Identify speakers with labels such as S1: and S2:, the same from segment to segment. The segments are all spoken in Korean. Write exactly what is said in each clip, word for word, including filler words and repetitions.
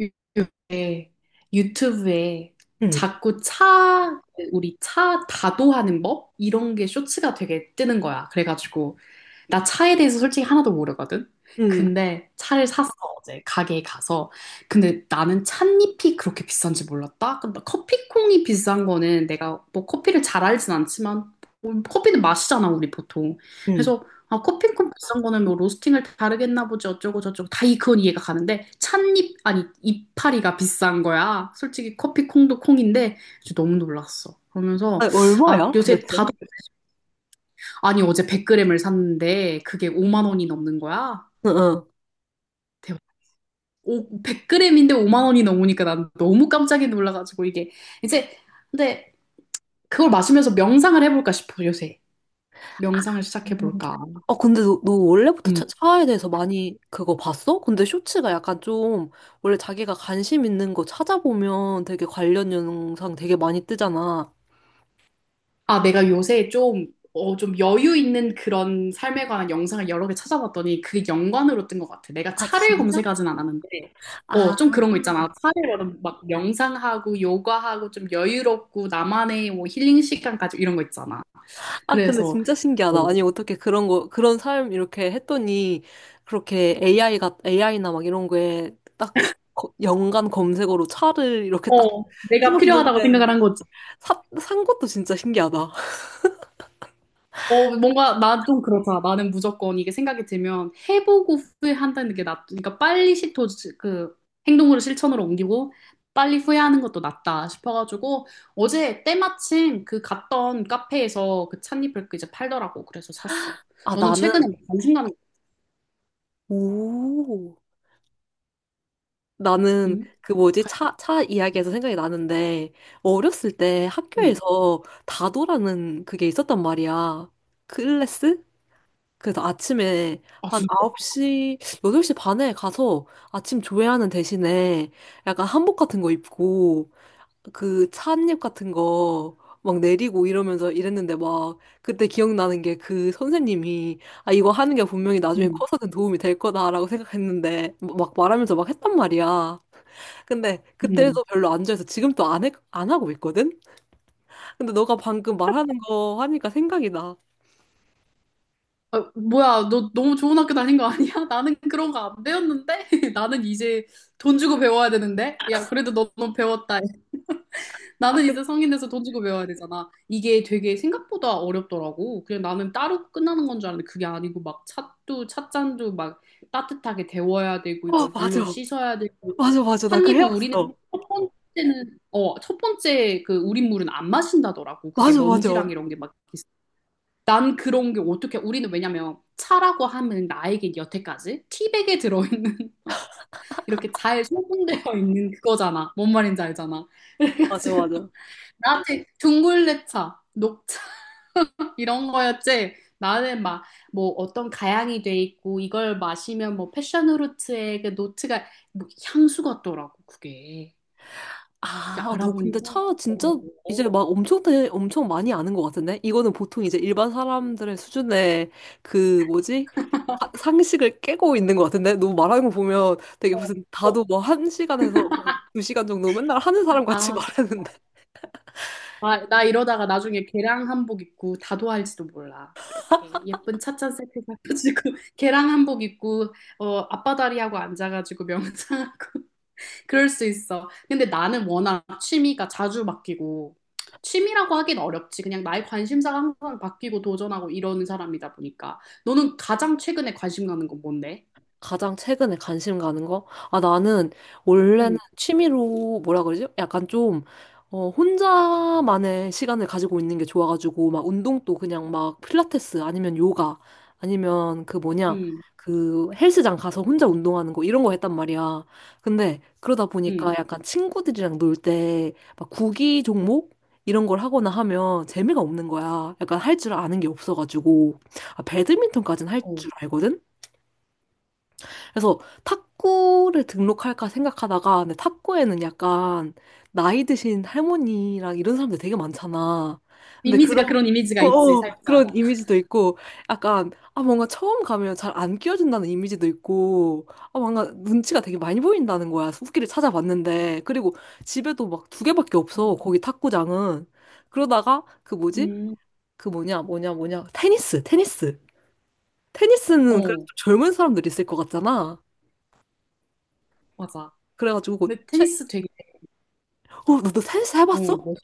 S1: 요에 유튜브에
S2: 응,
S1: 자꾸 차, 우리 차 다도하는 법? 이런 게 쇼츠가 되게 뜨는 거야. 그래가지고 나 차에 대해서 솔직히 하나도 모르거든.
S2: 응,
S1: 근데 차를 샀어, 어제 가게에 가서. 근데 나는 찻잎이 그렇게 비싼지 몰랐다. 근데 커피콩이 비싼 거는 내가 뭐 커피를 잘 알진 않지만 뭐 커피는 마시잖아, 우리 보통.
S2: 응.
S1: 그래서 아, 커피콩 비싼 거는 뭐 로스팅을 다르겠나 보지 어쩌고 저쩌고 다 이, 그건 이해가 가는데 찻잎 아니 이파리가 비싼 거야. 솔직히 커피콩도 콩인데 진짜 너무 놀랐어. 그러면서
S2: 아니,
S1: 아,
S2: 얼마야,
S1: 요새
S2: 도대체?
S1: 다
S2: 응,
S1: 아니, 어제 백 그램을 샀는데 그게 오만 원이 넘는 거야?
S2: 응.
S1: 대박. 오, 백 그램인데 오만 원이 넘으니까 난 너무 깜짝이 놀라가지고 이게 이제 근데 그걸 마시면서 명상을 해볼까 싶어, 요새. 명상을
S2: 음.
S1: 시작해볼까.
S2: 아, 근데 너, 너 원래부터
S1: 음.
S2: 차, 차에 대해서 많이 그거 봤어? 근데 쇼츠가 약간 좀, 원래 자기가 관심 있는 거 찾아보면 되게 관련 영상 되게 많이 뜨잖아.
S1: 아, 내가 요새 좀, 어, 좀 여유 있는 그런 삶에 관한 영상을 여러 개 찾아봤더니 그게 연관으로 뜬 것 같아. 내가
S2: 아,
S1: 차를
S2: 진짜?
S1: 검색하진 않았는데,
S2: 아,
S1: 어, 좀 그런 거 있잖아. 차를 막 명상하고 요가하고 좀 여유롭고 나만의 뭐 힐링 시간까지 이런 거 있잖아.
S2: 아, 근데
S1: 그래서,
S2: 진짜
S1: 어,
S2: 신기하다. 아니, 어떻게 그런 거, 그런 삶 이렇게 했더니, 그렇게 에이아이가, 에이아이나 막 이런 거에 딱 거- 연관 검색어로 차를 이렇게 딱
S1: 어, 내가 필요하다고
S2: 집어넣는데,
S1: 생각을 한거
S2: 사, 산 것도 진짜 신기하다.
S1: 어, 뭔가 나 좀 그렇다. 나는 무조건 이게 생각이 들면 해보고 후회한다는 게 낫, 그러니까 빨리 시도 그 행동으로 실천으로 옮기고 빨리 후회하는 것도 낫다 싶어가지고 어제 때마침 그 갔던 카페에서 그 찻잎을 그 이제 팔더라고. 그래서 샀어.
S2: 아,
S1: 너는 최근에
S2: 나는,
S1: 뭐 관심가는
S2: 오, 나는
S1: 응?
S2: 그 뭐지,
S1: 관-
S2: 차, 차 이야기에서 생각이 나는데, 어렸을 때
S1: 응.
S2: 학교에서 다도라는 그게 있었단 말이야. 클래스? 그래서 아침에
S1: 아
S2: 한
S1: 진짜?
S2: 아홉 시, 여덟 시 반에 가서 아침 조회하는 대신에 약간 한복 같은 거 입고 그 찻잎 같은 거 막 내리고 이러면서 이랬는데 막 그때 기억나는 게 그 선생님이 아 이거 하는 게 분명히 나중에
S1: 응.
S2: 커서는 도움이 될 거다라고 생각했는데 뭐 막 말하면서 막 했단 말이야. 근데
S1: 응.
S2: 그때도 별로 안 좋아해서 지금 또 안 해, 안 하고 있거든? 근데 너가 방금 말하는 거 하니까 생각이 나.
S1: 아, 뭐야, 너 너무 좋은 학교 다닌 거 아니야? 나는 그런 거 안 배웠는데? 나는 이제 돈 주고 배워야 되는데? 야, 그래도 너무 배웠다.
S2: 아,
S1: 나는
S2: 그,
S1: 이제 성인 돼서 돈 주고 배워야 되잖아. 이게 되게 생각보다 어렵더라고. 그냥 나는 따로 끝나는 건 줄 알았는데 그게 아니고 막 찻도 찻잔도 막 따뜻하게 데워야 되고
S2: 어,
S1: 이걸
S2: 맞아.
S1: 물로 씻어야 되고
S2: 맞아, 맞아. 나 그거
S1: 찻잎을 우리는
S2: 해왔어.
S1: 첫 번째는 어, 첫 번째 그 우린 물은 안 마신다더라고. 그게
S2: 맞아, 맞아.
S1: 먼지랑 이런 게 막 있어. 난 그런 게 어떻게 우리는 왜냐면 차라고 하면 나에게 여태까지 티백에 들어있는 어, 이렇게 잘 소분되어 있는 그거잖아. 뭔 말인지 알잖아.
S2: 맞아,
S1: 그래가지고
S2: 맞아.
S1: 나한테 둥글레차, 녹차 이런 거였지. 나는 막 뭐 어떤 가양이 돼 있고 이걸 마시면 뭐 패션 후르츠의 그 노트가 뭐 향수 같더라고 그게. 그게
S2: 아, 어, 너 근데
S1: 알아보니까.
S2: 차 진짜 이제
S1: 어,
S2: 막 엄청 대, 엄청 많이 아는 것 같은데? 이거는 보통 이제 일반 사람들의 수준의 그 뭐지? 아, 상식을 깨고 있는 것 같은데? 너 말하는 거 보면 되게
S1: 어,
S2: 무슨
S1: 어.
S2: 다도 뭐 한 시간에서 뭐 두 시간 정도 맨날 하는 사람 같이
S1: 아, 그-
S2: 말하는데?
S1: 아, 나 이러다가 나중에 계량 한복 입고 다도할지도 몰라. 이렇게 예쁜 찻잔 세트 사가지고 계량 한복 입고 어, 앞바다리 하고 앉아가지고 명상하고 그럴 수 있어. 근데 나는 워낙 취미가 자주 바뀌고, 취미라고 하긴 어렵지. 그냥 나의 관심사가 항상 바뀌고 도전하고 이러는 사람이다 보니까. 너는 가장 최근에 관심 가는 건 뭔데?
S2: 가장 최근에 관심 가는 거? 아, 나는 원래는
S1: 응,
S2: 취미로 뭐라 그러지? 약간 좀, 어, 혼자만의 시간을 가지고 있는 게 좋아가지고, 막 운동도 그냥 막 필라테스 아니면 요가 아니면 그 뭐냐,
S1: 응,
S2: 그 헬스장 가서 혼자 운동하는 거 이런 거 했단 말이야. 근데 그러다
S1: 응.
S2: 보니까 약간 친구들이랑 놀 때 막 구기 종목? 이런 걸 하거나 하면 재미가 없는 거야. 약간 할 줄 아는 게 없어가지고. 아, 배드민턴까지는 할
S1: 어.
S2: 줄 알거든? 그래서 탁구를 등록할까 생각하다가 근데 탁구에는 약간 나이 드신 할머니랑 이런 사람들 되게 많잖아. 근데
S1: 이미지가
S2: 그런
S1: 그런 이미지가
S2: 어,
S1: 있지,
S2: 어,
S1: 살짝.
S2: 그런 이미지도 있고 약간 아 뭔가 처음 가면 잘 안 끼워준다는 이미지도 있고 아 뭔가 눈치가 되게 많이 보인다는 거야. 후기를 찾아봤는데 그리고 집에도 막 두 개밖에 없어. 거기 탁구장은 그러다가 그 뭐지?
S1: 음,
S2: 그 뭐냐 뭐냐 뭐냐 테니스 테니스 테니스는 그래도
S1: 어,
S2: 좀 젊은 사람들이 있을 것 같잖아.
S1: 맞아.
S2: 그래가지고 곧
S1: 근데
S2: 최,
S1: 테니스 되게,
S2: 어, 너 텐스
S1: 어,
S2: 해봤어?
S1: 멋-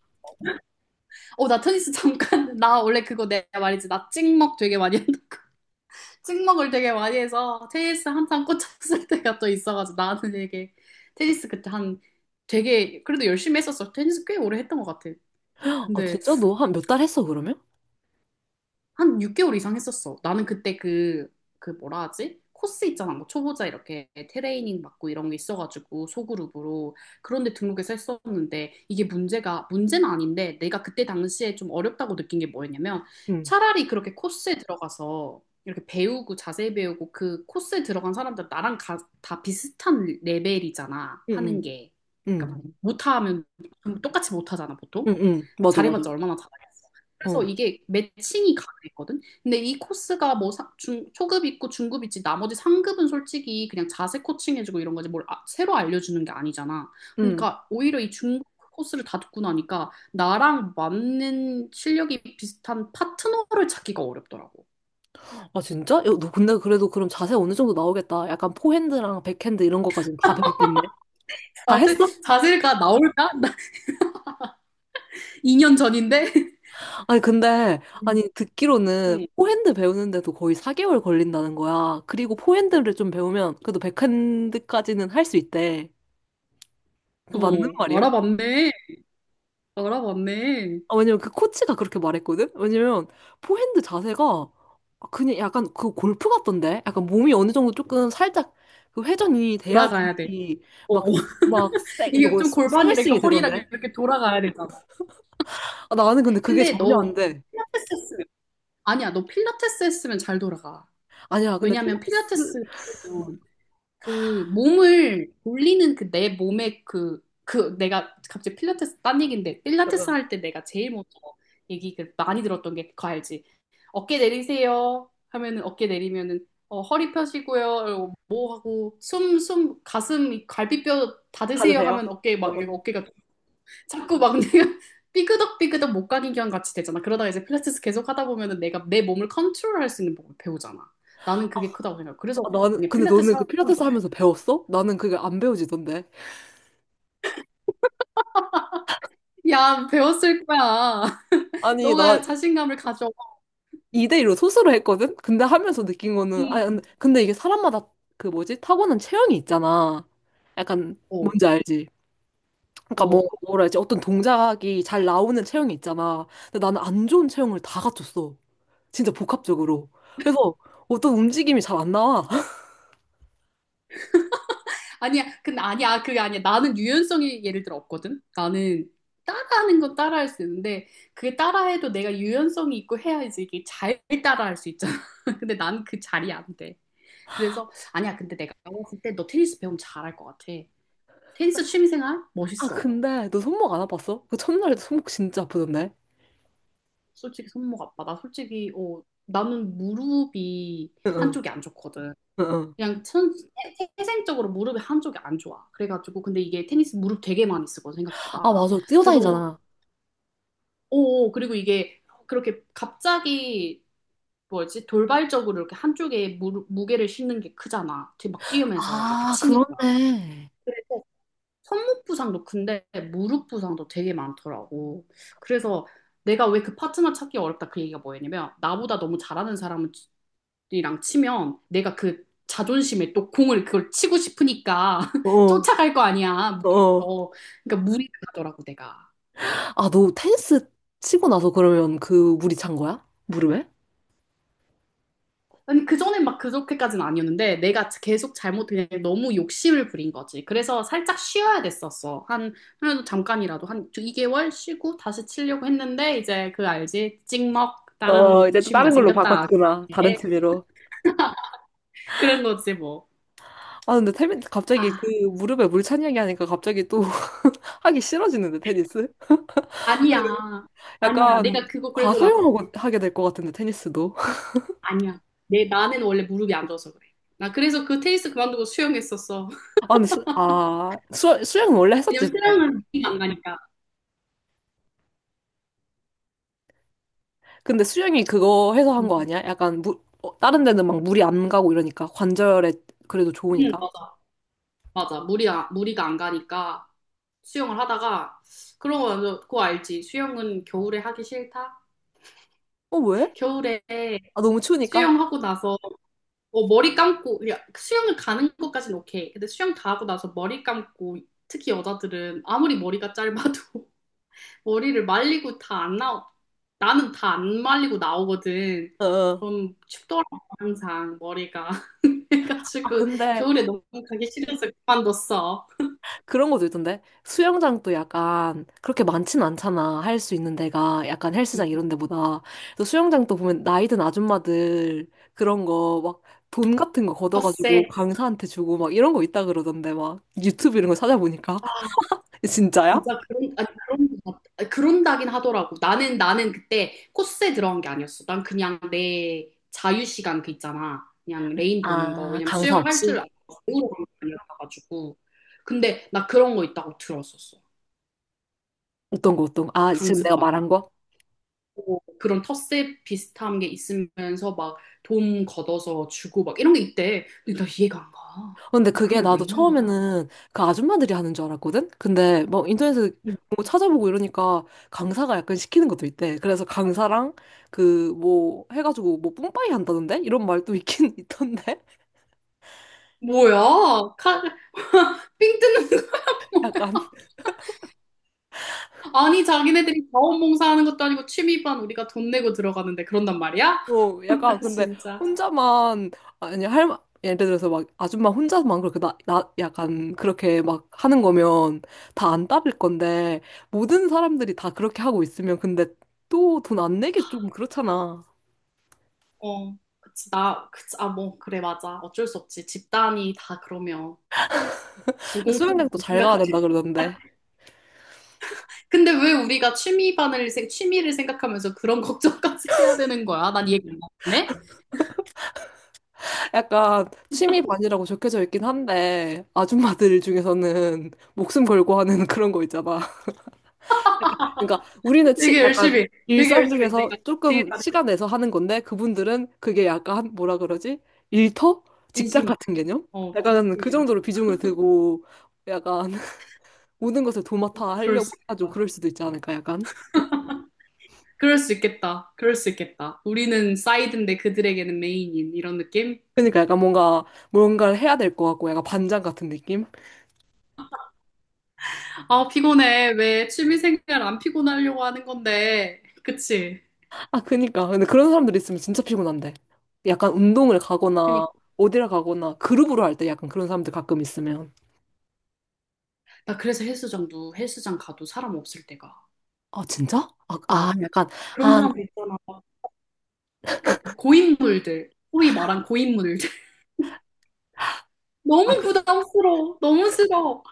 S1: 어, 나 테니스 잠깐, 나 원래 그거 내가 말했지. 나 찍먹 되게 많이 한다. 찍먹을 되게 많이 해서 테니스 한참 꽂혔을 때가 또 있어가지고 나는 되게 테니스 그때 한 되게 그래도 열심히 했었어. 테니스 꽤 오래 했던 것 같아.
S2: 아,
S1: 근데
S2: 진짜? 너 한 몇 달 했어, 그러면?
S1: 한 육 개월 이상 했었어. 나는 그때 그, 그 뭐라 하지? 코스 있잖아. 뭐 초보자 이렇게 트레이닝 받고 이런 게 있어가지고 소그룹으로 그런데 등록해서 했었는데 이게 문제가 문제는 아닌데 내가 그때 당시에 좀 어렵다고 느낀 게 뭐였냐면
S2: 응,
S1: 차라리 그렇게 코스에 들어가서 이렇게 배우고 자세히 배우고 그 코스에 들어간 사람들 나랑 가- 다 비슷한 레벨이잖아
S2: 응,
S1: 하는 게 그러니까
S2: 응,
S1: 못하면 좀 똑같이 못하잖아 보통
S2: 응, 응,
S1: 그
S2: 맞아, 맞아.
S1: 잘해봤자 얼마나 잘하겠어. 그래서
S2: 어.
S1: 이게 매칭이 가능했거든. 근데 이 코스가 뭐 사- 중, 초급 있고 중급 있지 나머지 상급은 솔직히 그냥 자세 코칭 해주고 이런 거지 뭘 아- 새로 알려주는 게 아니잖아.
S2: 응.
S1: 그러니까 오히려 이 중급 코스를 다 듣고 나니까 나랑 맞는 실력이 비슷한 파트너를 찾기가 어렵더라고.
S2: 아, 진짜? 야, 너 근데 그래도 그럼 자세 어느 정도 나오겠다. 약간 포핸드랑 백핸드 이런 것까지는 다 배웠겠네. 다
S1: 자세,
S2: 했어?
S1: 자세가 나올까? 나 이 년 전인데.
S2: 아니, 근데,
S1: 음,
S2: 아니, 듣기로는
S1: 음.
S2: 포핸드 배우는데도 거의 사 개월 걸린다는 거야. 그리고 포핸드를 좀 배우면 그래도 백핸드까지는 할 수 있대. 그 맞는
S1: 어,
S2: 말이야?
S1: 알아봤네. 알아봤네.
S2: 아, 왜냐면 그 코치가 그렇게 말했거든? 왜냐면 포핸드 자세가 그냥 약간 그 골프 같던데? 약간 몸이 어느 정도 조금 살짝 그 회전이
S1: 돌아가야 돼.
S2: 돼야지
S1: 어,
S2: 막, 막, 세,
S1: 이게
S2: 그뭐
S1: 좀
S2: 스-
S1: 골반이랑 이렇게
S2: 스매싱이
S1: 허리랑
S2: 되던데?
S1: 이렇게 돌아가야 되잖아.
S2: 아, 나는 근데 그게
S1: 근데
S2: 전혀 안
S1: 너
S2: 돼.
S1: 필라테스 했으면 아니야, 너 필라테스 했으면 잘 돌아가.
S2: 아니야, 근데
S1: 왜냐면
S2: 필라테스,
S1: 필라테스 그도그 몸을 돌리는 그 내 몸의 그 그 내가 갑자기 필라테스 딴 얘기인데
S2: 어,
S1: 필라테스
S2: 어.
S1: 할 때 내가 제일 먼저 얘기 그 많이 들었던 게 그거 알지? 어깨 내리세요 하면은 어깨 내리면은 어, 허리 펴시고요. 이러고 뭐 하고 숨 숨 가슴 갈비뼈
S2: 다
S1: 닫으세요
S2: 드세요?
S1: 하면 어깨
S2: 어,
S1: 막 이거
S2: 어.
S1: 어깨가 자꾸 막 내가 삐그덕삐그덕 목각인견 같이 되잖아. 그러다가 이제 필라테스 계속 하다 보면은 내가 내 몸을 컨트롤할 수 있는 법을 배우잖아. 나는 그게 크다고 생각해.
S2: 아,
S1: 그래서
S2: 나는,
S1: 그냥
S2: 근데 너는
S1: 필라테스
S2: 그
S1: 하면
S2: 필라테스
S1: 또,
S2: 하면서 배웠어? 나는 그게 안 배워지던데.
S1: 야, 배웠을 거야.
S2: 아니,
S1: 너가
S2: 나
S1: 자신감을 가져.
S2: 이 대일로 소수로 했거든? 근데 하면서 느낀 거는, 아,
S1: 응.
S2: 근데 근데 이게 사람마다 그 뭐지? 타고난 체형이 있잖아. 약간,
S1: 어,
S2: 뭔지 알지? 그러니까 뭐,
S1: 어.
S2: 뭐라 해야지? 어떤 동작이 잘 나오는 체형이 있잖아. 근데 나는 안 좋은 체형을 다 갖췄어. 진짜 복합적으로. 그래서 어떤 움직임이 잘 안 나와.
S1: 아니야, 근데 아니야, 아, 그게 아니야. 나는 유연성이 예를 들어 없거든. 나는 따라하는 건 따라할 수 있는데 그게 따라해도 내가 유연성이 있고 해야지 이게 잘 따라할 수 있잖아. 근데 난 그 자리 안 돼. 그래서 아니야 근데 내가 봤을 때 너 테니스 배우면 잘할 것 같아 테니스 취미생활
S2: 아,
S1: 멋있어
S2: 근데 너 손목 안 아팠어? 그 첫날에도 손목 진짜 아프던데?
S1: 솔직히 손목 아파 나 솔직히 어 나는 무릎이
S2: 응, 응,
S1: 한쪽이 안 좋거든
S2: 응. 응.
S1: 그냥 천, 태- 태생적으로 무릎이 한쪽이 안 좋아 그래가지고 근데 이게 테니스 무릎 되게 많이 쓰거든 생각보다
S2: 아, 맞아.
S1: 그래서
S2: 뛰어다니잖아.
S1: 어 어, 그리고 이게 그렇게 갑자기 뭐지 돌발적으로 이렇게 한쪽에 무릎, 무게를 싣는 게 크잖아 뒤- 막 뛰면서 이렇게
S2: 아,
S1: 치니까
S2: 그렇네.
S1: 손목 부상도 근데 무릎 부상도 되게 많더라고. 그래서 내가 왜 그 파트너 찾기 어렵다 그 얘기가 뭐였냐면 나보다 너무 잘하는 사람이랑 치면 내가 그 자존심에 또 공을 그걸 치고 싶으니까
S2: 어,
S1: 쫓아갈 거 아니야.
S2: 어.
S1: 무리해서. 그러니까 무리가더라고 내가.
S2: 아, 너 테니스 치고 나서 그러면 그 물이 찬 거야? 무릎에?
S1: 아니 그전엔 막 그렇게까지는 아니었는데 내가 계속 잘못 그냥 너무 욕심을 부린 거지. 그래서 살짝 쉬어야 됐었어. 한 그래도 잠깐이라도 한 이 개월 쉬고 다시 치려고 했는데 이제 그 알지? 찍먹
S2: 어,
S1: 다른
S2: 이제 또
S1: 취미가
S2: 다른 걸로
S1: 생겼다.
S2: 바꿨구나.
S1: 그게.
S2: 다른 취미로.
S1: 그런 거지 뭐.
S2: 아, 근데 테니스 갑자기
S1: 아,
S2: 그 무릎에 물 찬 이야기 하니까 갑자기 또 하기 싫어지는데, 테니스?
S1: 아니야. 아니야.
S2: 약간
S1: 내가 그거 그러고 나서
S2: 과사용하고 하게 될 것 같은데, 테니스도.
S1: 아니야. 내 나는 원래 무릎이 안 좋아서 그래. 나 그래서 그 테니스 그만두고 수영했었어.
S2: 아, 근데 수, 아, 수, 수영은 원래 했었지,
S1: 왜냐면
S2: 근데.
S1: 수영은 느낌 안 가니까.
S2: 근데 수영이 그거 해서 한 거 아니야? 약간 물, 어, 다른 데는 막 물이 안 가고 이러니까. 관절에 그래도
S1: 응,
S2: 좋으니까.
S1: 맞아. 맞아. 물이, 아- 무리가 안 가니까 수영을 하다가, 그런 거, 완전 그거 알지? 수영은 겨울에 하기 싫다?
S2: 어, 왜?
S1: 겨울에
S2: 아, 너무 추우니까.
S1: 수영하고 나서, 어, 머리 감고, 그냥 수영을 가는 것까지는 오케이. 근데 수영 다 하고 나서 머리 감고, 특히 여자들은 아무리 머리가 짧아도 머리를 말리고 다 안 나오, 나는 다 안 말리고 나오거든.
S2: 어. 어.
S1: 그럼 춥더라고, 항상 머리가.
S2: 아,
S1: 그래가지고,
S2: 근데
S1: 겨울에 너무 가기 싫어서 그만뒀어.
S2: 그런 것도 있던데? 수영장도 약간 그렇게 많진 않잖아. 할 수 있는 데가 약간 헬스장 이런 데보다. 그래서 수영장도 보면 나이 든 아줌마들 그런 거 막 돈 같은 거 걷어가지고
S1: 텃세.
S2: 강사한테 주고 막 이런 거 있다 그러던데 막 유튜브 이런 거 찾아보니까. 진짜야?
S1: 진짜 그런 아니 그런 것 같- 아니, 그런다긴 하더라고. 나는 나는 그때 코스에 들어간 게 아니었어. 난 그냥 내 자유 시간 그 있잖아. 그냥 레인 도는 거.
S2: 아,
S1: 왜냐면
S2: 강사
S1: 수영을 할 줄
S2: 없이?
S1: 알고 배우러 간거 아니었어가지고. 근데 나 그런 거 있다고 들었었어.
S2: 어떤 거, 어떤 거? 아, 지금 내가
S1: 강습반.
S2: 말한 거?
S1: 뭐 그런 텃세 비슷한 게 있으면서 막 돈 걷어서 주고 막 이런 게 있대. 근데 나 이해가 안 가.
S2: 근데
S1: 그런
S2: 그게
S1: 게 왜
S2: 나도
S1: 있는 거야?
S2: 처음에는 그 아줌마들이 하는 줄 알았거든? 근데 뭐 인터넷에 뭐 찾아보고 이러니까 강사가 약간 시키는 것도 있대. 그래서 강사랑 그 뭐 해가지고 뭐 뿜빠이 한다던데? 이런 말도 있긴 있던데?
S1: 뭐야? 칼, 삥 뜯는 거.
S2: 약간,
S1: 아니, 자기네들이 자원봉사하는 것도 아니고 취미반 우리가 돈 내고 들어가는데 그런단 말이야?
S2: 어, 약간
S1: 나
S2: 근데
S1: 진짜.
S2: 혼자만, 아니, 할, 마- 예를 들어서 막 아줌마 혼자만 그렇게 나, 나, 약간 그렇게 막 하는 거면 다 안 따를 건데 모든 사람들이 다 그렇게 하고 있으면 근데 또 돈 안 내기 좀 그렇잖아.
S1: 어, 그치, 나, 그치, 아, 뭐, 그래, 맞아. 어쩔 수 없지. 집단이 다 그러면
S2: 수영장도
S1: 불공평하게
S2: 잘
S1: 생각해.
S2: 가야 된다
S1: 아,
S2: 그러던데.
S1: 근데 왜 우리가 취미반을, 생- 취미를 생각하면서 그런 걱정까지 해야 되는 거야? 난 이해가 안 가네?
S2: 약간 취미 반이라고 적혀져 있긴 한데 아줌마들 중에서는 목숨 걸고 하는 그런 거 있잖아. 그러니까 우리는 치,
S1: 되게
S2: 약간
S1: 열심히, 되게
S2: 일상
S1: 열심히.
S2: 중에서
S1: 내가 제일
S2: 조금
S1: 잘해.
S2: 시간 내서 하는 건데 그분들은 그게 약간 뭐라 그러지? 일터? 직장
S1: 진심이.
S2: 같은 개념?
S1: 어,
S2: 약간 그
S1: 진심이야.
S2: 정도로 비중을 두고 약간 모든 것을 도맡아
S1: 그럴
S2: 하려고
S1: 수
S2: 해가지고
S1: 있겠다.
S2: 그럴 수도 있지 않을까 약간.
S1: 그럴 수 있겠다. 그럴 수 있겠다. 우리는 사이드인데 그들에게는 메인인 이런 느낌?
S2: 그러니까 약간 뭔가 뭔가를 해야 될 것 같고 약간 반장 같은 느낌?
S1: 아, 피곤해. 왜 취미생활 안 피곤하려고 하는 건데. 그치?
S2: 아, 그니까. 근데 그런 사람들 있으면 진짜 피곤한데. 약간 운동을 가거나,
S1: 그니까.
S2: 어디를 가거나, 그룹으로 할 때 약간 그런 사람들 가끔 있으면.
S1: 나 그래서 헬스장도 헬스장 가도 사람 없을 때가.
S2: 아, 진짜? 아, 아
S1: 막
S2: 약간,
S1: 그런
S2: 한,
S1: 사람들 있잖아. 막그 고인물들. 소위 말한 고인물들.
S2: 아,
S1: 너무
S2: 그,
S1: 부담스러워. 너무 싫어.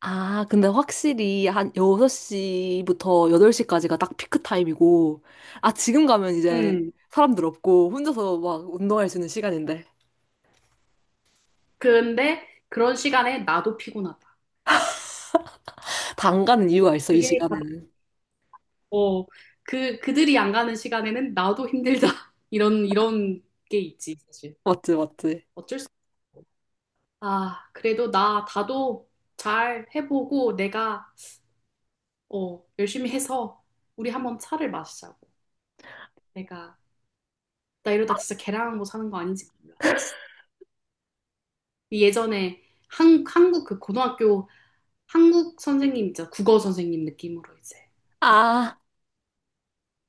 S2: 아, 근데 확실히 한 여섯 시부터 여덟 시까지가 딱 피크 타임이고, 아, 지금 가면 이제
S1: 음.
S2: 사람들 없고, 혼자서 막 운동할 수 있는 시간인데.
S1: 근데 그런 시간에 나도 피곤하다.
S2: 다 안 가는 이유가 있어, 이
S1: 그게 가장,
S2: 시간에는.
S1: 어, 그, 그들이 안 가는 시간에는 나도 힘들다. 이런, 이런 게 있지, 사실.
S2: 맞지, 맞지.
S1: 어쩔 수 없어. 아, 그래도 나, 나도 잘 해보고 내가, 어, 열심히 해서 우리 한번 차를 마시자고. 내가, 나 이러다 진짜 계량하고 사는 거 아닌지 몰라. 이 예전에 한, 한국 그 고등학교 한국 선생님 있잖아. 국어 선생님 느낌으로 이제. 막
S2: 아,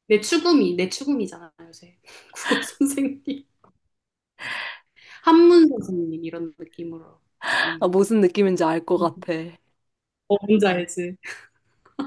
S1: 내 추구미, 내 추구미잖아, 요새. 국어 선생님, 한문 선생님 이런 느낌으로.
S2: 아
S1: 음.
S2: 무슨 느낌인지 알 것 같아.
S1: 어, 뭔지 알지?